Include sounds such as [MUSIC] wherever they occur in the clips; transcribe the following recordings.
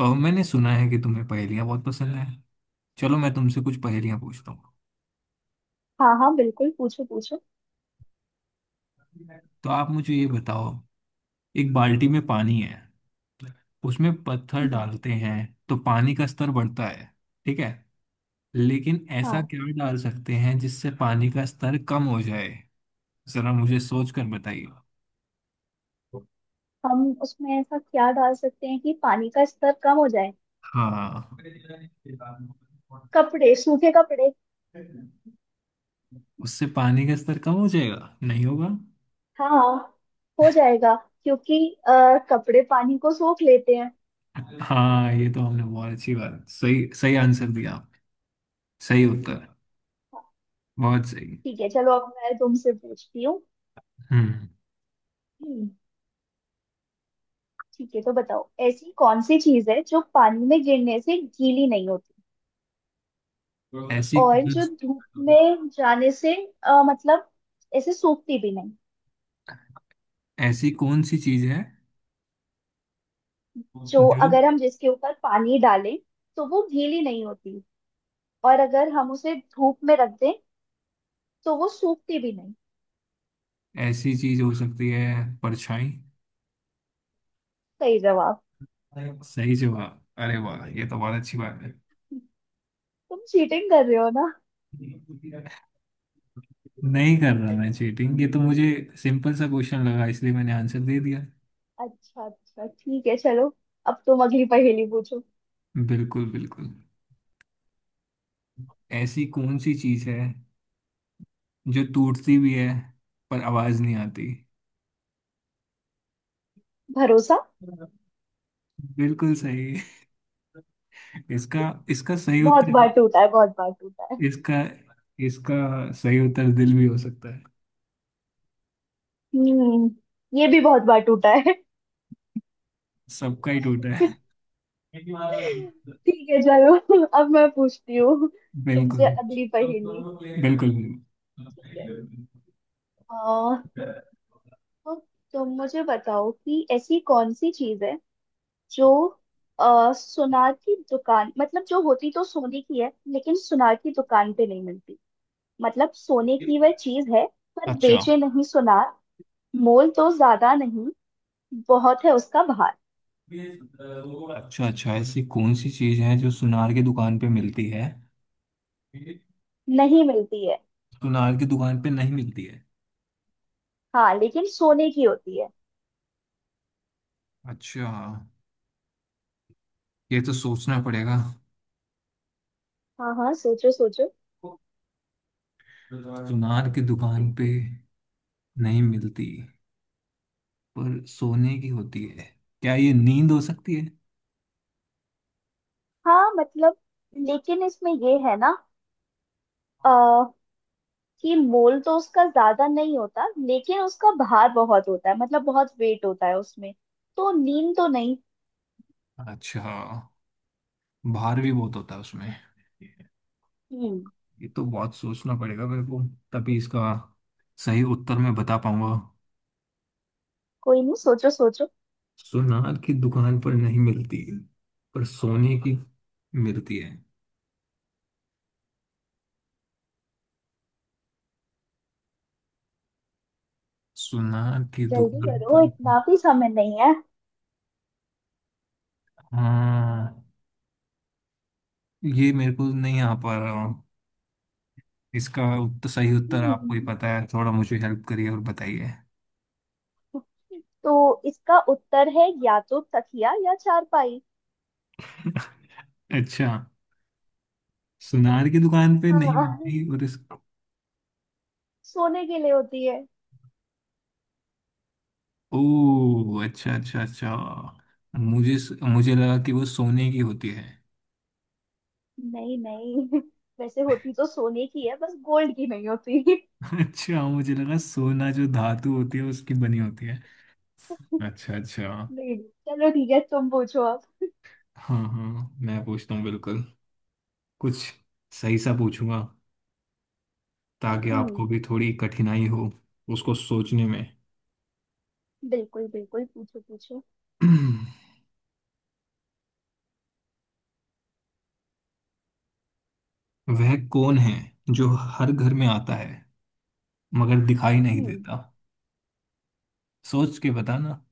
और मैंने सुना है कि तुम्हें पहेलियाँ बहुत पसंद है। चलो मैं तुमसे कुछ पहेलियाँ पूछता हूँ। हाँ हाँ, बिल्कुल पूछो पूछो। तो आप मुझे ये बताओ। एक बाल्टी में पानी है। उसमें पत्थर हम्म। डालते हैं तो पानी का स्तर बढ़ता है। ठीक है। लेकिन ऐसा हाँ। क्या डाल सकते हैं जिससे पानी का स्तर कम हो जाए? जरा मुझे सोच कर बताइए। हम उसमें ऐसा क्या डाल सकते हैं कि पानी का स्तर कम हो जाए? हाँ। कपड़े, सूखे कपड़े। उससे पानी का स्तर कम हो जाएगा, नहीं होगा? हाँ, हो जाएगा, क्योंकि कपड़े पानी को सोख लेते हैं। हाँ, ये तो हमने बहुत अच्छी बात, सही सही आंसर दिया। सही उत्तर। बहुत सही। ठीक है, चलो अब मैं तुमसे पूछती हूँ। हम्म। हम्म। ठीक है, तो बताओ ऐसी कौन सी चीज है जो पानी में गिरने से गीली नहीं होती, ऐसी और कौन, जो धूप में जाने से, मतलब ऐसे सूखती भी नहीं। ऐसी कौन सी चीज है जो, जो... अगर हम जिसके ऊपर पानी डालें तो वो गीली नहीं होती, और अगर हम उसे धूप में रख दें तो वो सूखती भी नहीं। ऐसी चीज हो सकती है, परछाई। सही जवाब। सही जवाब। अरे वाह, ये तो बहुत अच्छी बात है। तुम चीटिंग कर रहे हो ना? नहीं कर रहा मैं चीटिंग, ये तो मुझे सिंपल सा क्वेश्चन लगा इसलिए मैंने आंसर दे दिया। अच्छा अच्छा, ठीक है चलो, अब तुम अगली पहेली पूछो। बिल्कुल बिल्कुल। ऐसी कौन सी चीज है जो टूटती भी है पर आवाज नहीं आती? भरोसा। बिल्कुल सही। इसका इसका सही बहुत उत्तर... बार टूटा है, बहुत बार टूटा है। इसका इसका सही उत्तर दिल भी हो सकता है। हम्म, ये भी बहुत बार टूटा है। सबका ही टूटा है। [LAUGHS] ठीक है चलो, अब मैं पूछती हूँ बिल्कुल तुमसे अगली पहेली। बिल्कुल। ठीक है। आ, तो तुम मुझे बताओ कि ऐसी कौन सी चीज है जो, सुनार की दुकान, मतलब जो होती तो सोने की है लेकिन सुनार की दुकान पे नहीं मिलती। मतलब सोने की वह चीज है पर अच्छा बेचे नहीं सुनार। मोल तो ज्यादा नहीं, बहुत है उसका भार। अच्छा। अच्छा, ऐसी कौन सी चीज है जो सुनार की दुकान पे मिलती है? नहीं मिलती है। सुनार की दुकान पे नहीं मिलती है। हाँ, लेकिन सोने की होती है। अच्छा। ये तो सोचना पड़ेगा। हाँ हाँ, सोचो सोचो। सुनार की दुकान पे नहीं मिलती पर सोने की होती है। क्या ये नींद हो सकती है? हाँ मतलब, लेकिन इसमें ये है ना, आ, कि मोल तो उसका ज्यादा नहीं होता लेकिन उसका भार बहुत होता है, मतलब बहुत वेट होता है उसमें। तो नींद तो नहीं। अच्छा। भार भी बहुत होता है उसमें। हम्म। ये तो बहुत सोचना पड़ेगा मेरे को, तभी इसका सही उत्तर मैं बता पाऊंगा। कोई नहीं, सोचो सोचो। सुनार की दुकान पर नहीं मिलती पर सोने की मिलती है सुनार की जल्दी दुकान करो, पर। इतना भी समय नहीं है। हाँ। ये मेरे को नहीं आ पा रहा हूँ। इसका उत्तर, सही उत्तर आपको हम्म, ही पता है, थोड़ा मुझे हेल्प करिए और बताइए। तो इसका उत्तर है या तो तकिया या चारपाई। [LAUGHS] अच्छा। सुनार की दुकान पे नहीं हाँ, मिलती और इस... सोने के लिए होती है। ओह अच्छा अच्छा अच्छा। मुझे मुझे लगा कि वो सोने की होती है। नहीं नहीं, वैसे होती तो सोने की है, बस गोल्ड की नहीं होती। नहीं। [LAUGHS] अच्छा, मुझे लगा सोना जो धातु होती है उसकी बनी होती है। अच्छा अच्छा। नहीं। चलो ठीक है, तुम पूछो अब। हाँ हाँ, मैं पूछता हूँ बिल्कुल। कुछ सही सा पूछूंगा ताकि हम्म। आपको भी थोड़ी कठिनाई हो उसको सोचने में। बिल्कुल बिल्कुल, पूछो पूछो। [CLEARS THROAT] वह कौन है जो हर घर में आता है मगर दिखाई नहीं हम्म। देता? सोच के बताना।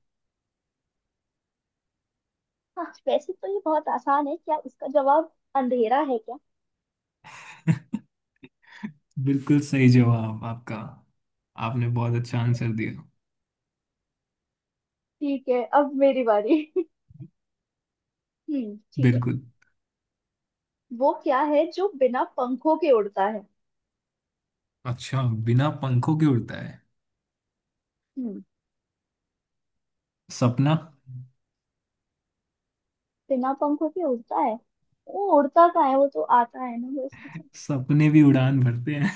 हाँ वैसे तो ये बहुत आसान है, क्या इसका जवाब अंधेरा है क्या? [LAUGHS] बिल्कुल सही जवाब आपका। आपने बहुत अच्छा आंसर दिया। ठीक है, अब मेरी बारी। हम्म, ठीक है। बिल्कुल। वो क्या है जो बिना पंखों के उड़ता है? अच्छा, बिना पंखों के उड़ता है... हम्म। सपना। बिना पंखों के उड़ता है, वो उड़ता कहाँ है, वो तो आता है ना बस। सपने भी उड़ान भरते हैं।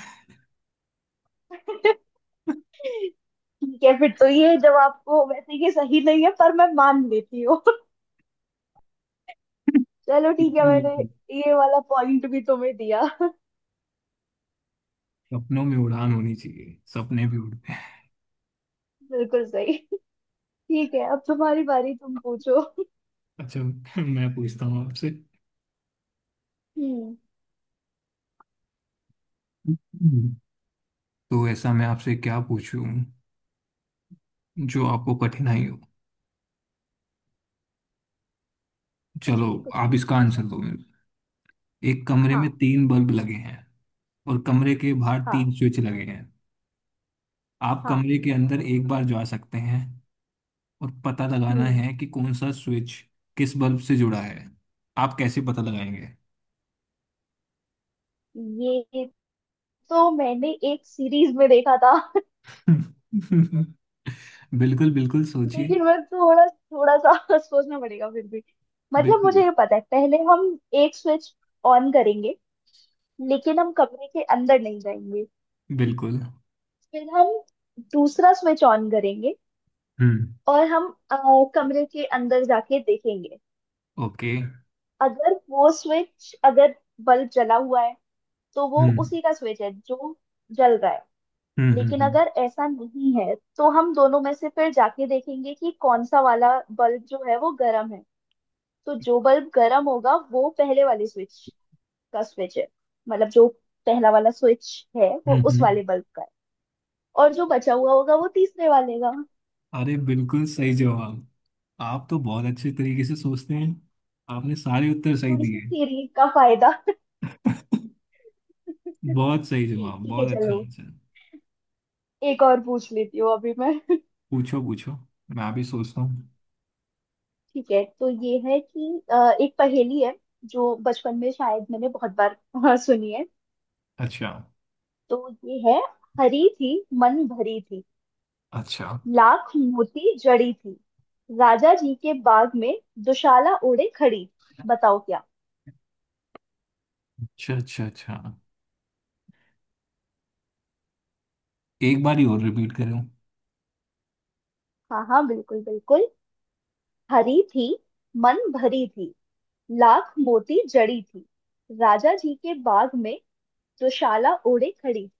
ठीक है फिर तो, ये जवाब को वैसे ये सही नहीं है पर मैं मान लेती हूँ। [LAUGHS] चलो [LAUGHS] ठीक है, बिल्कुल मैंने बिल्कुल। ये वाला पॉइंट भी तुम्हें दिया। सपनों में उड़ान होनी चाहिए, सपने भी उड़ते हैं। [LAUGHS] बिल्कुल सही। ठीक है, अब तुम्हारी बारी, तुम पूछो। अच्छा, मैं पूछता हूँ आपसे। हम्म। हम्म। तो ऐसा मैं आपसे क्या पूछूं जो आपको कठिनाई हो। चलो, कुछ आप भी इसका पूछो। आंसर दो मेरे को। एक कमरे में हाँ। तीन बल्ब लगे हैं और कमरे के बाहर हाँ। तीन स्विच लगे हैं। आप हाँ। कमरे के अंदर एक बार जा सकते हैं और पता लगाना हम्म। है कि कौन सा स्विच किस बल्ब से जुड़ा है। आप कैसे पता लगाएंगे? ये तो मैंने एक सीरीज में देखा था। [LAUGHS] बिल्कुल बिल्कुल, सोचिए। लेकिन मैं थोड़ा थोड़ा सा, [LAUGHS] सोचना पड़ेगा फिर भी। मतलब बिल्कुल मुझे ये पता है, पहले हम एक स्विच ऑन करेंगे, लेकिन हम कमरे के अंदर नहीं जाएंगे। बिल्कुल। फिर हम दूसरा स्विच ऑन करेंगे, हम्म। और हम अ, कमरे के अंदर जाके देखेंगे। ओके। अगर वो स्विच, अगर बल्ब जला हुआ है तो वो हम्म। उसी का स्विच है जो जल रहा है। हम्म। लेकिन हम्म। अगर ऐसा नहीं है तो हम दोनों में से फिर जाके देखेंगे कि कौन सा वाला बल्ब जो है वो गर्म है। तो जो बल्ब गर्म होगा वो पहले वाले स्विच का स्विच है, मतलब जो पहला वाला स्विच है वो हम्म। उस हम्म। वाले बल्ब का है। और जो बचा हुआ होगा वो तीसरे वाले का। अरे बिल्कुल सही जवाब। आप तो बहुत अच्छे तरीके से सोचते हैं। आपने सारे उत्तर सही थोड़ी सी दिए। थ्योरी का फायदा। [LAUGHS] [LAUGHS] बहुत सही जवाब, ठीक है बहुत अच्छा चलो, आंसर। एक और पूछ लेती हूँ अभी मैं। [LAUGHS] पूछो पूछो, मैं भी सोचता हूँ। ठीक है, तो ये है कि एक पहेली है जो बचपन में शायद मैंने बहुत बार [LAUGHS] सुनी है। अच्छा तो ये है, हरी थी, मन भरी थी, अच्छा लाख मोती जड़ी थी, राजा जी के बाग में दुशाला ओढ़े खड़ी। बताओ क्या? अच्छा अच्छा। अच्छा, एक बार ही और रिपीट करूँ। हाँ हाँ, बिल्कुल बिल्कुल। हरी थी, मन भरी थी, लाख मोती जड़ी थी, राजा जी के बाग में दुशाला ओढ़े खड़ी थी।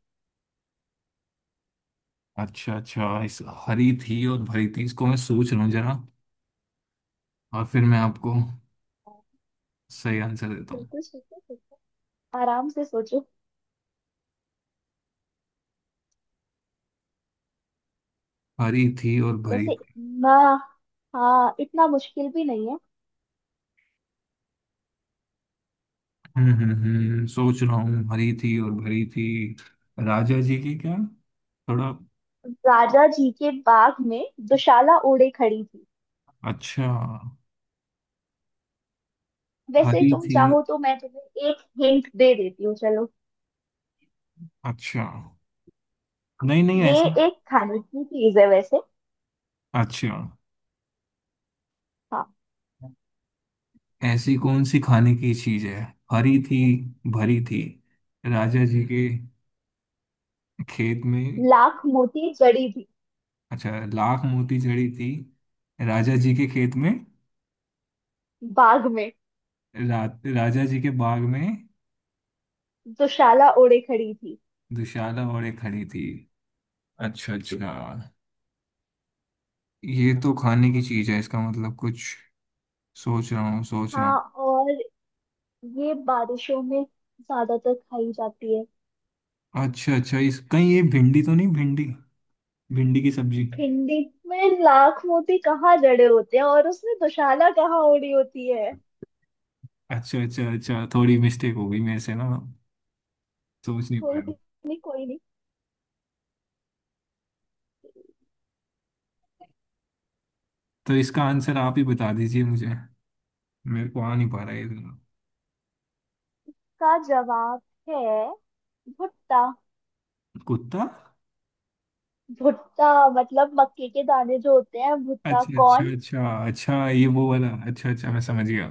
अच्छा अच्छा, इस... हरी थी और भरी थी, इसको मैं सोच रहा हूँ जरा, और फिर मैं आपको हाँ, सही आंसर देता हूँ। बिल्कुल सोचो सोचो, आराम से सोचो। हरी थी और भरी वैसे थी। इतना, हाँ इतना मुश्किल भी नहीं है। सोच रहा हूँ, हरी थी और भरी थी। राजा जी की क्या, थोड़ा... राजा जी के बाग में दुशाला ओढ़े खड़ी थी। अच्छा। वैसे हरी तुम थी... चाहो तो मैं तुम्हें एक हिंट दे देती हूँ, चलो। अच्छा। नहीं नहीं, ये ऐसी... एक खाने की चीज है वैसे। अच्छा। हाँ। ऐसी कौन सी खाने की चीज है? हरी थी, भरी थी, राजा जी के खेत में। लाख मोती जड़ी थी। अच्छा, लाख मोती जड़ी थी, राजा जी के खेत में। बाग में। रा, राजा जी के बाग में, दुशाला ओढ़े खड़ी थी। दुशाला औरतें खड़ी थी। अच्छा अच्छा। ये तो खाने की चीज है, इसका मतलब कुछ... सोच रहा हूँ, सोच रहा हूँ। हाँ, और ये बारिशों में ज्यादातर खाई जाती है। अच्छा अच्छा, इस... कहीं ये भिंडी तो नहीं? भिंडी, भिंडी की सब्जी। भिंडी में लाख मोती कहाँ जड़े होते हैं, और उसमें दुशाला कहाँ ओढ़ी होती है? अच्छा अच्छा अच्छा, थोड़ी मिस्टेक हो गई मेरे से ना, सोच नहीं कोई पाया। नहीं, कोई नहीं। तो इसका आंसर आप ही बता दीजिए मुझे, मेरे को आ नहीं पा रहा है ये तो। का जवाब है भुट्टा। कुत्ता। भुट्टा, मतलब मक्के के दाने जो होते हैं भुट्टा अच्छा अच्छा कौन। अच्छा अच्छा, ये वो वाला... अच्छा अच्छा, मैं समझ गया,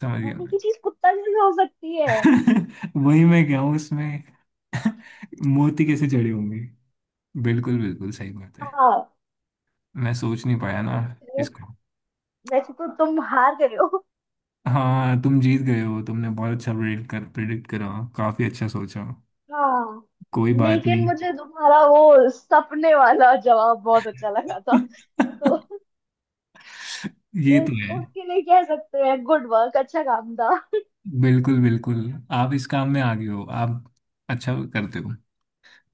समझ गया। खाने की चीज, भुट्टा कैसे हो सकती है? [LAUGHS] वही मैं क्या हूँ उसमें। [LAUGHS] मोती कैसे जड़े होंगे, बिल्कुल बिल्कुल सही बात है। हाँ। मैं सोच नहीं पाया ना इसको। वैसे तो तुम हार गए हो। हाँ, तुम जीत गए हो। तुमने बहुत अच्छा प्रेडिक्ट करा, काफी अच्छा सोचा। हाँ, कोई बात लेकिन नहीं। मुझे तुम्हारा वो सपने वाला जवाब बहुत अच्छा लगा था। [LAUGHS] तो ये तो है। उसके लिए कह सकते हैं गुड वर्क, अच्छा काम था। बिल्कुल बिल्कुल। आप इस काम में आगे हो, आप अच्छा करते हो।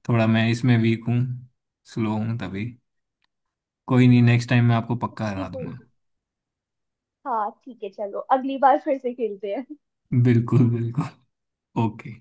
थोड़ा मैं इसमें वीक हूँ, स्लो हूँ तभी। कोई नहीं, नेक्स्ट टाइम मैं आपको पक्का हरा बिल्कुल। दूंगा। हाँ ठीक है चलो, अगली बार फिर से खेलते हैं। बिल्कुल बिल्कुल। ओके।